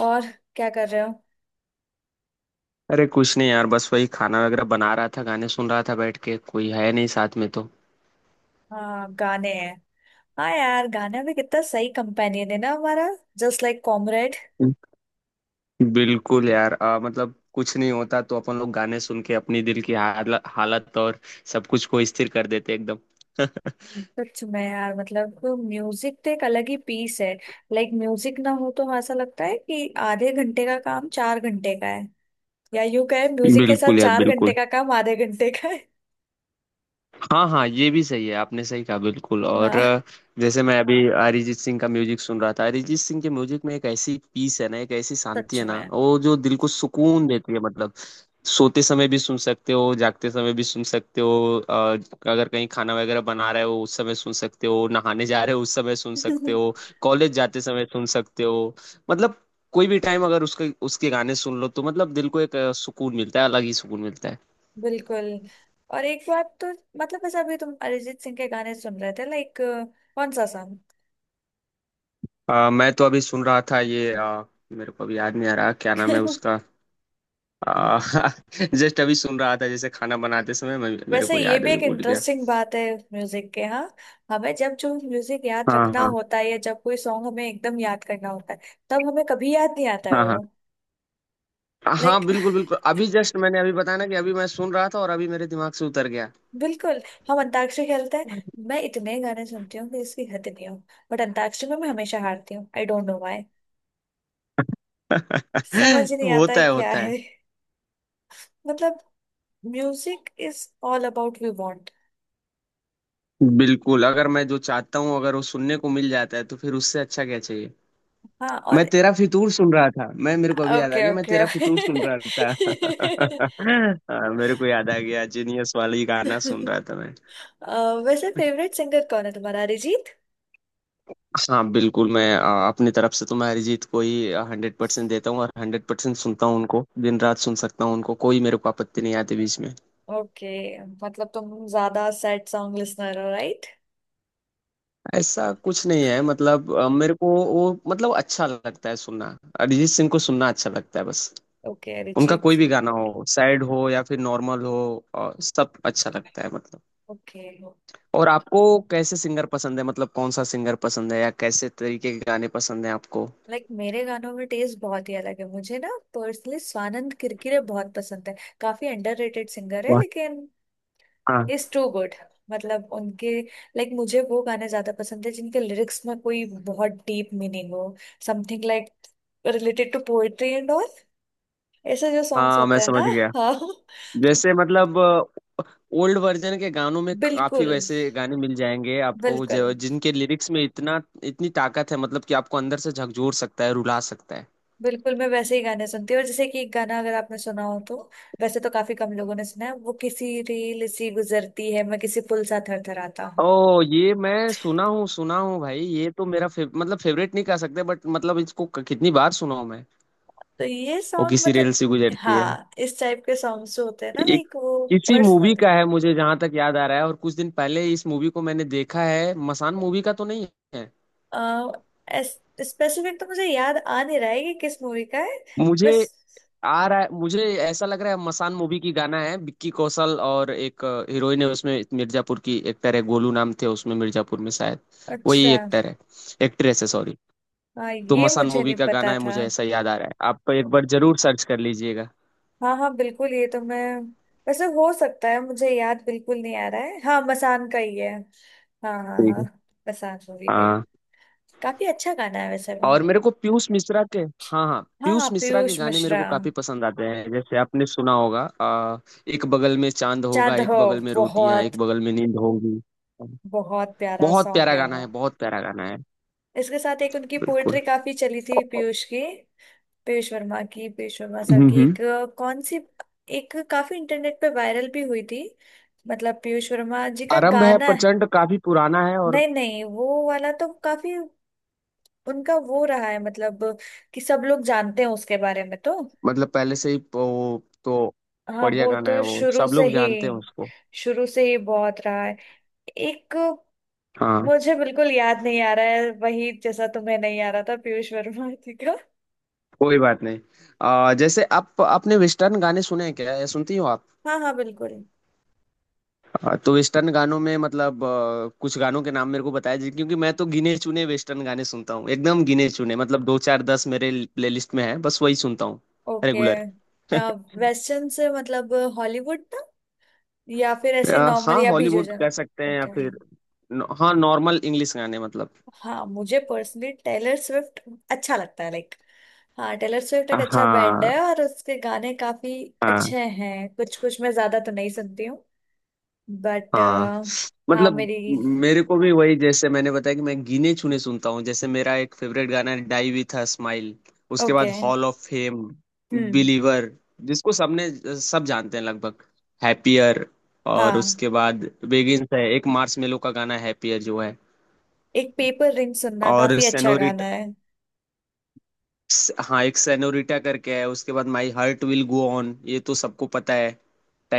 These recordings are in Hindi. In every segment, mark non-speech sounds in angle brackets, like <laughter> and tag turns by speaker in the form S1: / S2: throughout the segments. S1: और क्या कर रहे हो।
S2: अरे कुछ नहीं यार, बस वही खाना वगैरह बना रहा था, गाने सुन रहा था बैठ के, कोई है नहीं साथ में तो।
S1: हाँ, गाने हैं। हाँ यार, गाना भी कितना सही कंपेनियन है ना हमारा। Just like comrade.
S2: बिल्कुल यार, मतलब कुछ नहीं होता तो अपन लोग गाने सुन के अपनी दिल की हालत और सब कुछ को स्थिर कर देते एकदम।
S1: सच में यार, मतलब म्यूजिक तो एक अलग ही पीस है। लाइक म्यूजिक ना हो तो ऐसा लगता है कि आधे घंटे का काम चार घंटे का है, या यूं कहे म्यूजिक के साथ
S2: बिल्कुल यार
S1: चार
S2: बिल्कुल।
S1: घंटे का काम आधे घंटे का है।
S2: हाँ हाँ, ये भी सही है, आपने सही कहा बिल्कुल, और
S1: हाँ,
S2: जैसे मैं अभी अरिजीत सिंह का म्यूजिक सुन रहा था। अरिजीत सिंह के म्यूजिक में एक ऐसी पीस है ना, एक ऐसी शांति
S1: सच
S2: है ना,
S1: में।
S2: वो जो दिल को सुकून देती है मतलब। सोते समय भी सुन सकते हो, जागते समय भी सुन सकते हो, अगर कहीं खाना वगैरह बना रहे हो उस समय सुन सकते हो, नहाने जा रहे हो उस समय सुन सकते हो,
S1: <laughs>
S2: कॉलेज जाते समय सुन सकते हो। मतलब कोई भी टाइम अगर उसके उसके गाने सुन लो तो मतलब दिल को एक सुकून मिलता है, अलग ही सुकून मिलता है।
S1: बिल्कुल। और एक बात तो, मतलब ऐसा अभी तुम अरिजीत सिंह के गाने सुन रहे थे, लाइक कौन सा सॉन्ग।
S2: मैं तो अभी सुन रहा था ये, मेरे को अभी याद नहीं आ रहा क्या नाम है
S1: <laughs>
S2: उसका। आ, <laughs> जस्ट अभी सुन रहा था जैसे खाना बनाते समय, मेरे
S1: वैसे
S2: को
S1: ये
S2: याद,
S1: भी
S2: अभी
S1: एक
S2: भूल गया।
S1: इंटरेस्टिंग बात है म्यूजिक के। हाँ, हमें जब जो म्यूजिक याद
S2: हाँ
S1: रखना
S2: हाँ
S1: होता है या जब कोई सॉन्ग हमें एकदम याद करना होता है, तब हमें कभी याद नहीं आता है
S2: हाँ
S1: वो।
S2: हाँ
S1: लाइक
S2: हाँ, बिल्कुल
S1: <laughs>
S2: बिल्कुल, अभी जस्ट मैंने अभी बताया ना कि अभी मैं सुन रहा था और अभी मेरे दिमाग से उतर गया।
S1: बिल्कुल। हम अंताक्षरी खेलते हैं। मैं इतने गाने सुनती हूँ कि इसकी हद नहीं हो। बट अंताक्षरी में मैं हमेशा हारती हूँ। I don't know why.
S2: <laughs>
S1: समझ ही नहीं आता है
S2: होता है
S1: क्या
S2: होता है।
S1: है। <laughs> मतलब music is all about we want.
S2: बिल्कुल, अगर मैं जो चाहता हूँ, अगर वो सुनने को मिल जाता है तो फिर उससे अच्छा क्या चाहिए।
S1: हाँ,
S2: मैं
S1: और
S2: तेरा फितूर सुन रहा था, मैं मेरे को अभी याद आ
S1: ओके
S2: गया, मैं
S1: ओके <laughs>
S2: तेरा
S1: ओके।
S2: फितूर सुन रहा था। <laughs> हाँ, मेरे को याद आ गया, जीनियस वाली गाना सुन रहा था मैं।
S1: वैसे फेवरेट सिंगर कौन है तुम्हारा, अरिजीत?
S2: हाँ बिल्कुल, मैं अपनी तरफ से तो मैं अरिजीत को ही हंड्रेड परसेंट देता हूँ और हंड्रेड परसेंट सुनता हूँ उनको, दिन रात सुन सकता हूँ उनको, कोई मेरे को आपत्ति नहीं आती बीच में।
S1: ओके। मतलब तुम ज्यादा सैड सॉन्ग लिसनर हो, राइट?
S2: ऐसा कुछ नहीं है, मतलब मेरे को वो, मतलब अच्छा लगता है सुनना, अरिजीत सिंह को सुनना अच्छा लगता है बस।
S1: ओके,
S2: उनका
S1: अरिजीत
S2: कोई भी
S1: सिंह।
S2: गाना हो, सैड हो या फिर नॉर्मल हो, सब अच्छा लगता है मतलब।
S1: ओके,
S2: और आपको कैसे सिंगर पसंद है, मतलब कौन सा सिंगर पसंद है, या कैसे तरीके के गाने पसंद है आपको?
S1: लाइक मेरे गानों में टेस्ट बहुत ही अलग है। मुझे ना, पर्सनली स्वानंद किरकिरे बहुत पसंद है। काफी अंडररेटेड सिंगर है
S2: वाह।
S1: लेकिन
S2: हाँ
S1: इज टू गुड। मतलब उनके, लाइक मुझे वो गाने ज्यादा पसंद है जिनके लिरिक्स में कोई बहुत डीप मीनिंग हो। Something like related to poetry and all, ऐसे जो सॉन्ग्स
S2: हाँ मैं
S1: होते हैं ना।
S2: समझ गया।
S1: हाँ
S2: जैसे मतलब ओल्ड वर्जन के गानों में काफी
S1: बिल्कुल।
S2: वैसे गाने मिल जाएंगे आपको,
S1: बिल्कुल,
S2: जो, जिनके लिरिक्स में इतना, इतनी ताकत है मतलब, कि आपको अंदर से झकझोर सकता है, रुला सकता है।
S1: बिल्कुल मैं वैसे ही गाने सुनती हूँ। और जैसे कि एक गाना अगर आपने सुना हो तो, वैसे तो काफी कम लोगों ने सुना है, वो किसी रील सी गुजरती है, मैं किसी पुल सा थरथराता हूँ।
S2: ओ ये मैं सुना हूँ, सुना हूँ भाई, ये तो मेरा मतलब फेवरेट नहीं कह सकते बट, मतलब इसको कितनी बार सुना हूँ मैं।
S1: तो ये
S2: वो
S1: सॉन्ग
S2: किसी रेल से
S1: मतलब,
S2: गुजरती है।
S1: हाँ इस टाइप के सॉन्ग्स जो होते हैं ना,
S2: एक
S1: लाइक वो
S2: किसी मूवी
S1: पर्सनली।
S2: का है, मुझे जहां तक याद आ रहा है, और कुछ दिन पहले इस मूवी को मैंने देखा है, मसान मूवी का तो नहीं है।
S1: स्पेसिफिक तो मुझे याद आ नहीं रहा है कि किस मूवी का है बस।
S2: मुझे आ रहा है, मुझे ऐसा लग रहा है मसान मूवी की गाना है, विक्की कौशल और एक हीरोइन है उसमें, मिर्जापुर की एक्टर है, गोलू नाम थे उसमें मिर्जापुर में शायद, वही
S1: अच्छा,
S2: एक्टर है, एक्ट्रेस है सॉरी।
S1: हाँ
S2: तो
S1: ये
S2: मसान
S1: मुझे
S2: मूवी
S1: नहीं
S2: का गाना
S1: पता
S2: है,
S1: था।
S2: मुझे ऐसा याद आ रहा है, आप एक बार जरूर सर्च कर लीजिएगा।
S1: हाँ हाँ बिल्कुल, ये तो मैं वैसे हो सकता है, मुझे याद बिल्कुल नहीं आ रहा है। हाँ, मसान का ही है। हाँ हाँ
S2: ठीक
S1: हाँ,
S2: है।
S1: मसान मूवी का ही।
S2: हाँ।
S1: काफी अच्छा गाना है वैसे वो।
S2: और मेरे को पीयूष मिश्रा के, हाँ हाँ
S1: हाँ,
S2: पीयूष मिश्रा के
S1: पीयूष
S2: गाने मेरे
S1: मिश्रा।
S2: को काफी पसंद आते हैं, जैसे आपने सुना होगा, एक बगल में चांद होगा,
S1: चांद
S2: एक
S1: हो।
S2: बगल में रोटियां,
S1: बहुत,
S2: एक बगल में नींद होगी।
S1: बहुत प्यारा
S2: बहुत
S1: सॉन्ग
S2: प्यारा
S1: है
S2: गाना
S1: वो।
S2: है, बहुत प्यारा गाना है।
S1: इसके साथ एक उनकी पोएट्री
S2: बिल्कुल।
S1: काफी चली थी, पीयूष की। पीयूष वर्मा की, पीयूष वर्मा सर
S2: हम्म
S1: की
S2: हम्म।
S1: एक कौन सी, एक काफी इंटरनेट पे वायरल भी हुई थी। मतलब पीयूष वर्मा जी का
S2: आरंभ है
S1: गाना है।
S2: प्रचंड, काफी पुराना है, और
S1: नहीं नहीं, वो वाला तो काफी उनका वो रहा है, मतलब कि सब लोग जानते हैं उसके बारे में तो।
S2: मतलब पहले से ही वो तो
S1: हाँ
S2: बढ़िया
S1: वो
S2: गाना है,
S1: तो
S2: वो
S1: शुरू
S2: सब
S1: से
S2: लोग
S1: ही,
S2: जानते हैं उसको।
S1: शुरू से ही बहुत रहा है एक।
S2: हाँ।
S1: मुझे बिल्कुल याद नहीं आ रहा है वही, जैसा तुम्हें नहीं आ रहा था पीयूष वर्मा जी का।
S2: कोई बात नहीं। जैसे आप, आपने वेस्टर्न गाने सुने हैं क्या, या सुनती हो आप?
S1: हाँ हाँ बिल्कुल।
S2: हाँ, तो वेस्टर्न गानों में मतलब कुछ गानों के नाम मेरे को बताया जी, क्योंकि मैं तो गिने चुने वेस्टर्न गाने सुनता हूँ एकदम, गिने चुने, मतलब दो चार दस मेरे प्लेलिस्ट में है, बस वही सुनता हूँ
S1: ओके
S2: रेगुलर।
S1: वेस्टर्न से मतलब, हॉलीवुड था या फिर
S2: <laughs>
S1: ऐसे नॉर्मल,
S2: हाँ,
S1: या बीजो
S2: हॉलीवुड कह
S1: जना।
S2: सकते हैं या
S1: ओके,
S2: फिर, हाँ, नॉर्मल इंग्लिश गाने मतलब।
S1: हाँ मुझे पर्सनली टेलर स्विफ्ट अच्छा लगता है। लाइक हाँ, टेलर स्विफ्ट एक अच्छा बैंड
S2: हाँ
S1: है और उसके गाने काफी
S2: हाँ
S1: अच्छे हैं। कुछ कुछ मैं ज्यादा तो नहीं सुनती हूँ बट।
S2: हाँ,
S1: हाँ
S2: मतलब
S1: मेरी,
S2: मेरे को भी वही, जैसे मैंने बताया कि मैं गिने चुने सुनता हूँ, जैसे मेरा एक फेवरेट गाना है डाई विथ अ स्माइल। उसके
S1: ओके,
S2: बाद hall of fame,
S1: hmm.
S2: Believer जिसको सबने, सब जानते हैं लगभग, हैप्पियर, और
S1: हाँ,
S2: उसके बाद बेगिंस है, एक मार्शमेलो का गाना है हैप्पियर जो है,
S1: एक पेपर रिंग सुनना
S2: और
S1: काफी अच्छा गाना
S2: सेनोरिटा।
S1: है।
S2: हाँ एक सेनोरिटा करके है, उसके बाद my heart will go on, ये तो सबको पता है,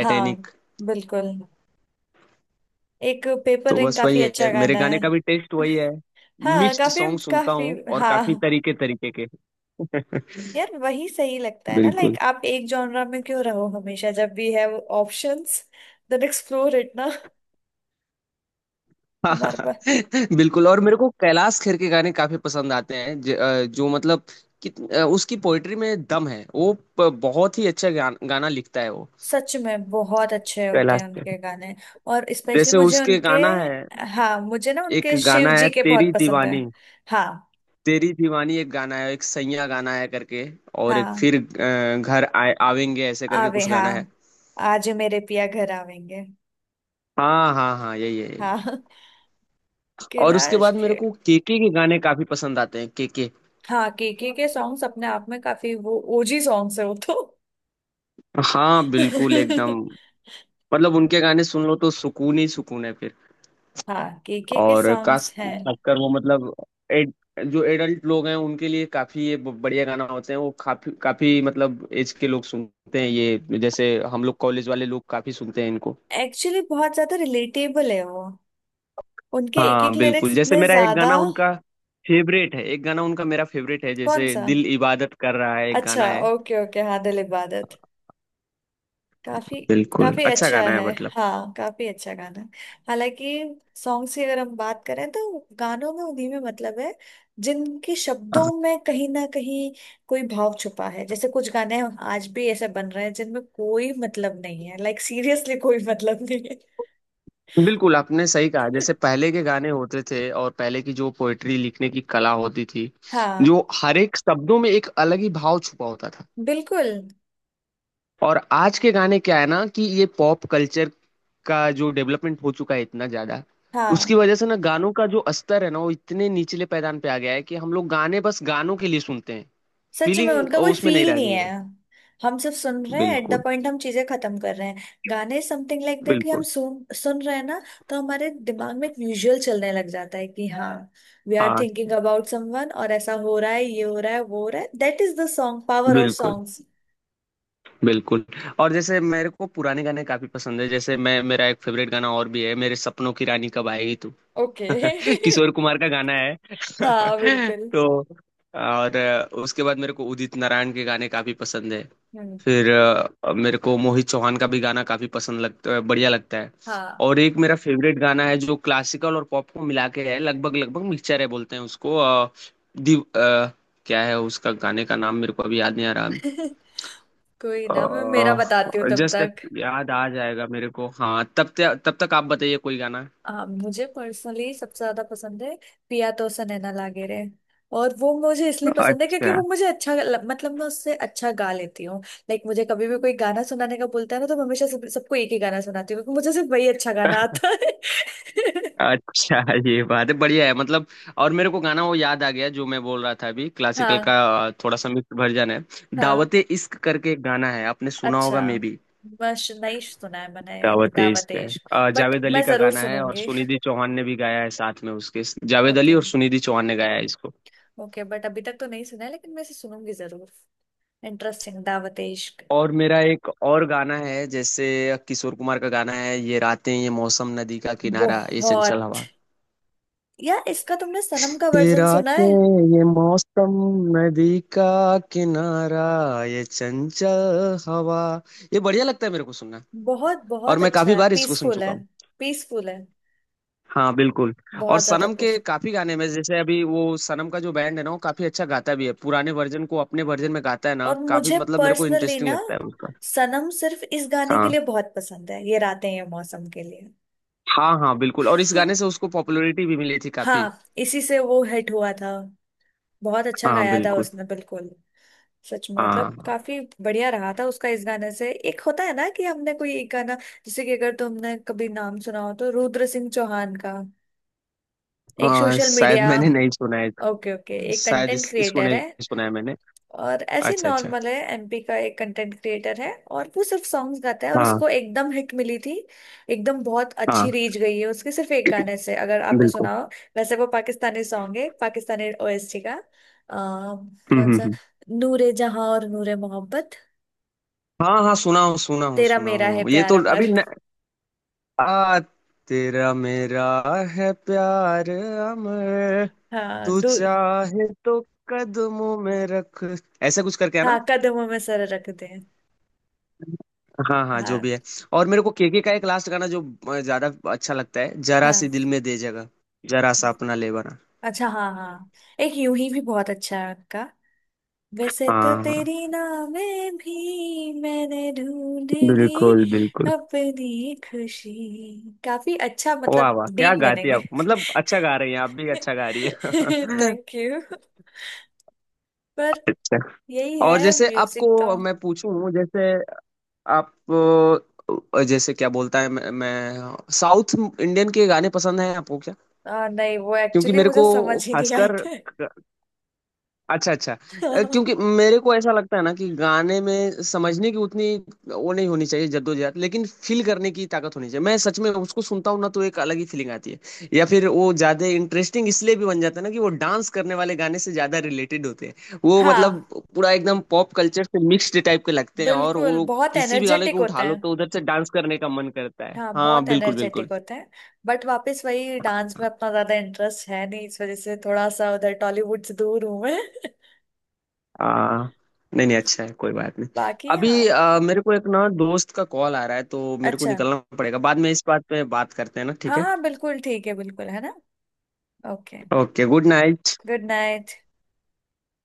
S1: हाँ बिल्कुल, एक पेपर
S2: तो
S1: रिंग
S2: बस वही
S1: काफी अच्छा
S2: है, मेरे
S1: गाना
S2: गाने
S1: है।
S2: का भी टेस्ट
S1: <laughs>
S2: वही है,
S1: हाँ,
S2: मिक्स्ड
S1: काफी
S2: सॉन्ग सुनता
S1: काफी।
S2: हूँ और काफी
S1: हाँ
S2: तरीके तरीके के <laughs>
S1: यार, वही सही लगता है ना, लाइक
S2: बिल्कुल
S1: आप एक जॉनरा में क्यों रहो हमेशा, जब भी है ऑप्शंस। देन एक्सप्लोर इट ना। हमारे पास।
S2: <laughs> बिल्कुल, और मेरे को कैलाश खेर के गाने काफी पसंद आते हैं, जो मतलब, उसकी पोइट्री में दम है वो, बहुत ही अच्छा गाना लिखता है वो
S1: सच में बहुत अच्छे होते
S2: कैलाश
S1: हैं
S2: खेर।
S1: उनके गाने। और स्पेशली
S2: जैसे
S1: मुझे
S2: उसके
S1: उनके,
S2: गाना है,
S1: हाँ मुझे ना
S2: एक
S1: उनके शिव
S2: गाना है
S1: जी के बहुत
S2: तेरी
S1: पसंद है।
S2: दीवानी।
S1: हाँ
S2: तेरी दीवानी एक गाना है, एक सैया गाना है करके, और एक
S1: हाँ,
S2: फिर घर आए आवेंगे ऐसे करके
S1: आवे,
S2: कुछ
S1: हाँ
S2: गाना है।
S1: आज मेरे पिया घर आवेंगे।
S2: हाँ हाँ हाँ यही है, यही।
S1: हाँ <laughs>
S2: और
S1: किला
S2: उसके बाद
S1: इश्क
S2: मेरे
S1: है।
S2: को केके के गाने काफी पसंद आते हैं, केके।
S1: हाँ, केके के सॉन्ग्स अपने आप में काफी वो ओजी सॉन्ग्स है वो तो।
S2: हाँ बिल्कुल एकदम,
S1: <laughs>
S2: मतलब उनके गाने सुन लो तो सुकून ही सुकून है फिर।
S1: हाँ, केके के
S2: और खास,
S1: सॉन्ग्स हैं,
S2: खासकर वो मतलब, एड, जो एडल्ट लोग हैं उनके लिए काफी ये बढ़िया गाना होते हैं वो, काफी काफी मतलब एज के लोग सुनते हैं ये, जैसे हम लोग कॉलेज वाले लोग काफी सुनते हैं इनको।
S1: एक्चुअली बहुत ज्यादा रिलेटेबल है वो। उनके एक एक
S2: हाँ
S1: लिरिक्स
S2: बिल्कुल, जैसे
S1: इतने
S2: मेरा एक
S1: ज्यादा।
S2: गाना उनका फेवरेट है, एक गाना उनका मेरा फेवरेट है,
S1: कौन
S2: जैसे
S1: सा?
S2: दिल इबादत कर रहा है, एक गाना
S1: अच्छा,
S2: है।
S1: ओके ओके, हाँ दिल इबादत। काफी,
S2: बिल्कुल
S1: काफी
S2: अच्छा
S1: अच्छा
S2: गाना है
S1: है।
S2: मतलब।
S1: हाँ काफी अच्छा गाना है। हालांकि सॉन्ग्स की अगर हम बात करें तो गानों में उन्हीं में मतलब है जिनके
S2: हाँ।
S1: शब्दों में कहीं ना कहीं कोई भाव छुपा है। जैसे कुछ गाने आज भी ऐसे बन रहे हैं जिनमें कोई मतलब नहीं है, लाइक सीरियसली कोई मतलब नहीं है।
S2: बिल्कुल आपने सही कहा, जैसे
S1: <laughs>
S2: पहले के गाने होते थे और पहले की जो पोएट्री लिखने की कला होती थी,
S1: हाँ
S2: जो हर एक शब्दों में एक अलग ही भाव छुपा होता था।
S1: बिल्कुल।
S2: और आज के गाने क्या है ना, कि ये पॉप कल्चर का जो डेवलपमेंट हो चुका है इतना ज्यादा, उसकी
S1: हाँ
S2: वजह से ना गानों का जो स्तर है ना वो इतने निचले पैदान पे आ गया है, कि हम लोग गाने बस गानों के लिए सुनते हैं,
S1: सच में
S2: फीलिंग
S1: उनका कोई
S2: उसमें नहीं
S1: फील
S2: रह
S1: नहीं
S2: गई
S1: है।
S2: है।
S1: हम सिर्फ सुन रहे हैं, एट द
S2: बिल्कुल
S1: पॉइंट हम चीजें खत्म कर रहे हैं। गाने, समथिंग लाइक दैट, कि हम
S2: बिल्कुल।
S1: सुन सुन रहे हैं ना, तो हमारे दिमाग में एक विजुअल चलने लग जाता है कि हाँ हाँ वी आर
S2: हाँ
S1: थिंकिंग अबाउट समवन, और ऐसा हो रहा है, ये हो रहा है, वो हो रहा है। That is the song, power of
S2: बिल्कुल
S1: सॉन्ग्स।
S2: बिल्कुल। और जैसे मेरे को पुराने गाने काफी पसंद है, जैसे मैं मेरा एक फेवरेट गाना और भी है, मेरे सपनों की रानी कब आएगी तू।
S1: ओके
S2: <laughs> किशोर
S1: <laughs>
S2: कुमार का गाना है
S1: हाँ
S2: <laughs>
S1: बिल्कुल।
S2: तो, और उसके बाद मेरे को उदित नारायण के गाने काफी पसंद है।
S1: हम्म,
S2: फिर मेरे को मोहित चौहान का भी गाना काफी पसंद लगता, बढ़िया लगता है।
S1: हाँ
S2: और एक मेरा फेवरेट गाना है जो क्लासिकल और पॉप को मिला के है, लगभग लगभग मिक्सचर है बोलते हैं उसको दिव अ, क्या है उसका गाने का नाम, मेरे को अभी याद नहीं आ रहा।
S1: <laughs> कोई ना, मैं मेरा बताती हूँ
S2: अह
S1: तब
S2: जस्ट
S1: तक।
S2: याद आ जाएगा मेरे को, हाँ तब तक, तब तक आप बताइए कोई गाना।
S1: मुझे पर्सनली सबसे ज्यादा पसंद है पिया तो सनैना लागे रे। और वो मुझे इसलिए पसंद है क्योंकि
S2: अच्छा
S1: वो मुझे अच्छा मतलब मैं उससे अच्छा गा लेती हूँ। लाइक मुझे कभी भी कोई गाना सुनाने का बोलता है ना तो मैं हमेशा सबको एक ही गाना सुनाती हूँ, क्योंकि मुझे सिर्फ वही अच्छा गाना आता है। <laughs>
S2: अच्छा ये बात है, बढ़िया है मतलब। और मेरे को गाना वो याद आ गया जो मैं बोल रहा था अभी, क्लासिकल का
S1: हाँ
S2: थोड़ा सा मिक्स वर्जन है,
S1: हाँ
S2: दावते इश्क करके एक गाना है, आपने सुना
S1: अच्छा,
S2: होगा मे बी।
S1: मश नहीं सुना है मैंने
S2: दावते
S1: दावत
S2: इश्क है,
S1: इश्क। बट
S2: जावेद अली
S1: मैं
S2: का
S1: जरूर
S2: गाना है और
S1: सुनूंगी।
S2: सुनिधि चौहान ने भी गाया है साथ में उसके, जावेद अली
S1: ओके
S2: और सुनिधि चौहान ने गाया है इसको।
S1: ओके, बट अभी तक तो नहीं सुना है, लेकिन मैं इसे सुनूंगी जरूर। इंटरेस्टिंग, दावत इश्क।
S2: और मेरा एक और गाना है, जैसे किशोर कुमार का गाना है, ये रातें ये मौसम नदी का किनारा ये चंचल
S1: बहुत,
S2: हवा।
S1: यार इसका तुमने सनम का
S2: ये
S1: वर्जन सुना है?
S2: रातें ये मौसम नदी का किनारा ये चंचल हवा, ये बढ़िया लगता है मेरे को सुनना।
S1: बहुत
S2: और
S1: बहुत
S2: मैं
S1: अच्छा
S2: काफी
S1: है,
S2: बार इसको सुन
S1: पीसफुल
S2: चुका
S1: है।
S2: हूँ।
S1: पीसफुल है,
S2: हाँ बिल्कुल। और
S1: बहुत ज्यादा
S2: सनम के
S1: पीसफुल।
S2: काफी गाने में, जैसे अभी वो सनम का जो बैंड है ना वो काफी अच्छा गाता भी है, पुराने वर्जन को अपने वर्जन में गाता है ना,
S1: और
S2: काफी
S1: मुझे
S2: मतलब मेरे को
S1: पर्सनली ना,
S2: इंटरेस्टिंग लगता है उसका।
S1: सनम सिर्फ इस गाने के
S2: हाँ।
S1: लिए बहुत पसंद है, ये रातें ये मौसम के लिए।
S2: हाँ हाँ बिल्कुल, और इस गाने से
S1: <laughs>
S2: उसको पॉपुलैरिटी भी मिली थी काफी।
S1: हाँ, इसी से वो हिट हुआ था। बहुत अच्छा
S2: हाँ
S1: गाया था
S2: बिल्कुल।
S1: उसने बिल्कुल। सच में
S2: हाँ
S1: मतलब काफी बढ़िया रहा था उसका। इस गाने से एक होता है ना कि हमने कोई एक गाना, जैसे कि अगर तुमने कभी नाम सुना हो तो रुद्र सिंह चौहान का। एक
S2: हाँ
S1: सोशल
S2: शायद
S1: मीडिया,
S2: मैंने नहीं सुना है।
S1: ओके ओके, एक
S2: शायद
S1: कंटेंट
S2: इसको
S1: क्रिएटर
S2: नहीं
S1: है।
S2: सुना है मैंने।
S1: और ऐसे
S2: अच्छा अच्छा।
S1: नॉर्मल है, एमपी का एक कंटेंट क्रिएटर है और वो सिर्फ सॉन्ग्स गाता है और
S2: हाँ।
S1: उसको एकदम हिट मिली थी। एकदम बहुत
S2: हाँ
S1: अच्छी रीच गई है उसके, सिर्फ एक गाने से, अगर आपने
S2: बिल्कुल।
S1: सुना हो। वैसे वो पाकिस्तानी सॉन्ग है, पाकिस्तानी ओएसटी का
S2: हम्म
S1: कौन
S2: हम्म
S1: सा,
S2: हम्म।
S1: नूरे जहां और नूरे मोहब्बत।
S2: हाँ हाँ सुना हूँ सुना हूँ
S1: तेरा
S2: सुना
S1: मेरा है
S2: हूँ, ये
S1: प्यार
S2: तो अभी
S1: अमर।
S2: न... आ तेरा मेरा है प्यार अमर,
S1: हाँ
S2: तू
S1: दूर।
S2: चाहे तो कदमों में रख, ऐसा कुछ करके है
S1: हाँ,
S2: ना।
S1: कदमों में सर रख दे।
S2: हाँ हाँ जो
S1: हाँ
S2: भी है। और मेरे को केके का एक लास्ट गाना जो ज्यादा अच्छा लगता है, जरा
S1: हाँ,
S2: सी दिल में दे जगह, जरा सा अपना ले बना।
S1: अच्छा हाँ हाँ, एक यूं ही भी बहुत अच्छा है उनका। वैसे तो
S2: हाँ हाँ
S1: तेरी नावें भी मैंने ढूंढ ली
S2: बिल्कुल बिल्कुल।
S1: अपनी खुशी। काफी अच्छा,
S2: वाह
S1: मतलब
S2: वाह क्या
S1: डीप
S2: गाती
S1: मीनिंग
S2: है
S1: है।
S2: आप, मतलब अच्छा गा रही हैं आप, भी अच्छा गा रही
S1: <laughs>
S2: है <laughs>
S1: थैंक यू। पर
S2: अच्छा,
S1: यही है
S2: और जैसे
S1: म्यूजिक तो।
S2: आपको मैं पूछूं, जैसे आप जैसे क्या बोलता है, मैं साउथ इंडियन के गाने पसंद हैं आपको क्या?
S1: नहीं वो
S2: क्योंकि
S1: एक्चुअली
S2: मेरे
S1: मुझे
S2: को
S1: समझ ही नहीं
S2: खासकर।
S1: आते।
S2: अच्छा अच्छा। क्योंकि
S1: <laughs>
S2: मेरे को ऐसा लगता है ना कि गाने में समझने की उतनी वो नहीं होनी चाहिए जद्दोजहद, लेकिन फील करने की ताकत होनी चाहिए, मैं सच में उसको सुनता हूँ ना तो एक अलग ही फीलिंग आती है, या फिर वो ज्यादा इंटरेस्टिंग इसलिए भी बन जाता है ना कि वो डांस करने वाले गाने से ज्यादा रिलेटेड होते हैं वो, मतलब
S1: हाँ
S2: पूरा एकदम पॉप कल्चर से मिक्स्ड टाइप के लगते हैं, और
S1: बिल्कुल,
S2: वो
S1: बहुत
S2: किसी भी गाने
S1: एनर्जेटिक
S2: को
S1: होते
S2: उठा लो
S1: हैं।
S2: तो उधर से डांस करने का मन करता है,
S1: हाँ
S2: हाँ
S1: बहुत
S2: बिल्कुल बिल्कुल।
S1: एनर्जेटिक होते हैं। बट वापस वही, डांस में अपना ज्यादा इंटरेस्ट है नहीं, इस वजह से थोड़ा सा उधर टॉलीवुड से दूर हूं मैं।
S2: आ, नहीं नहीं अच्छा है, कोई बात नहीं।
S1: बाकी हाँ।
S2: अभी मेरे को एक ना दोस्त का कॉल आ रहा है, तो मेरे को
S1: अच्छा
S2: निकलना पड़ेगा, बाद में इस बात पे बात करते हैं ना, ठीक
S1: हाँ
S2: है?
S1: हाँ बिल्कुल, ठीक है, बिल्कुल है ना। Okay,
S2: okay good night.
S1: Good night.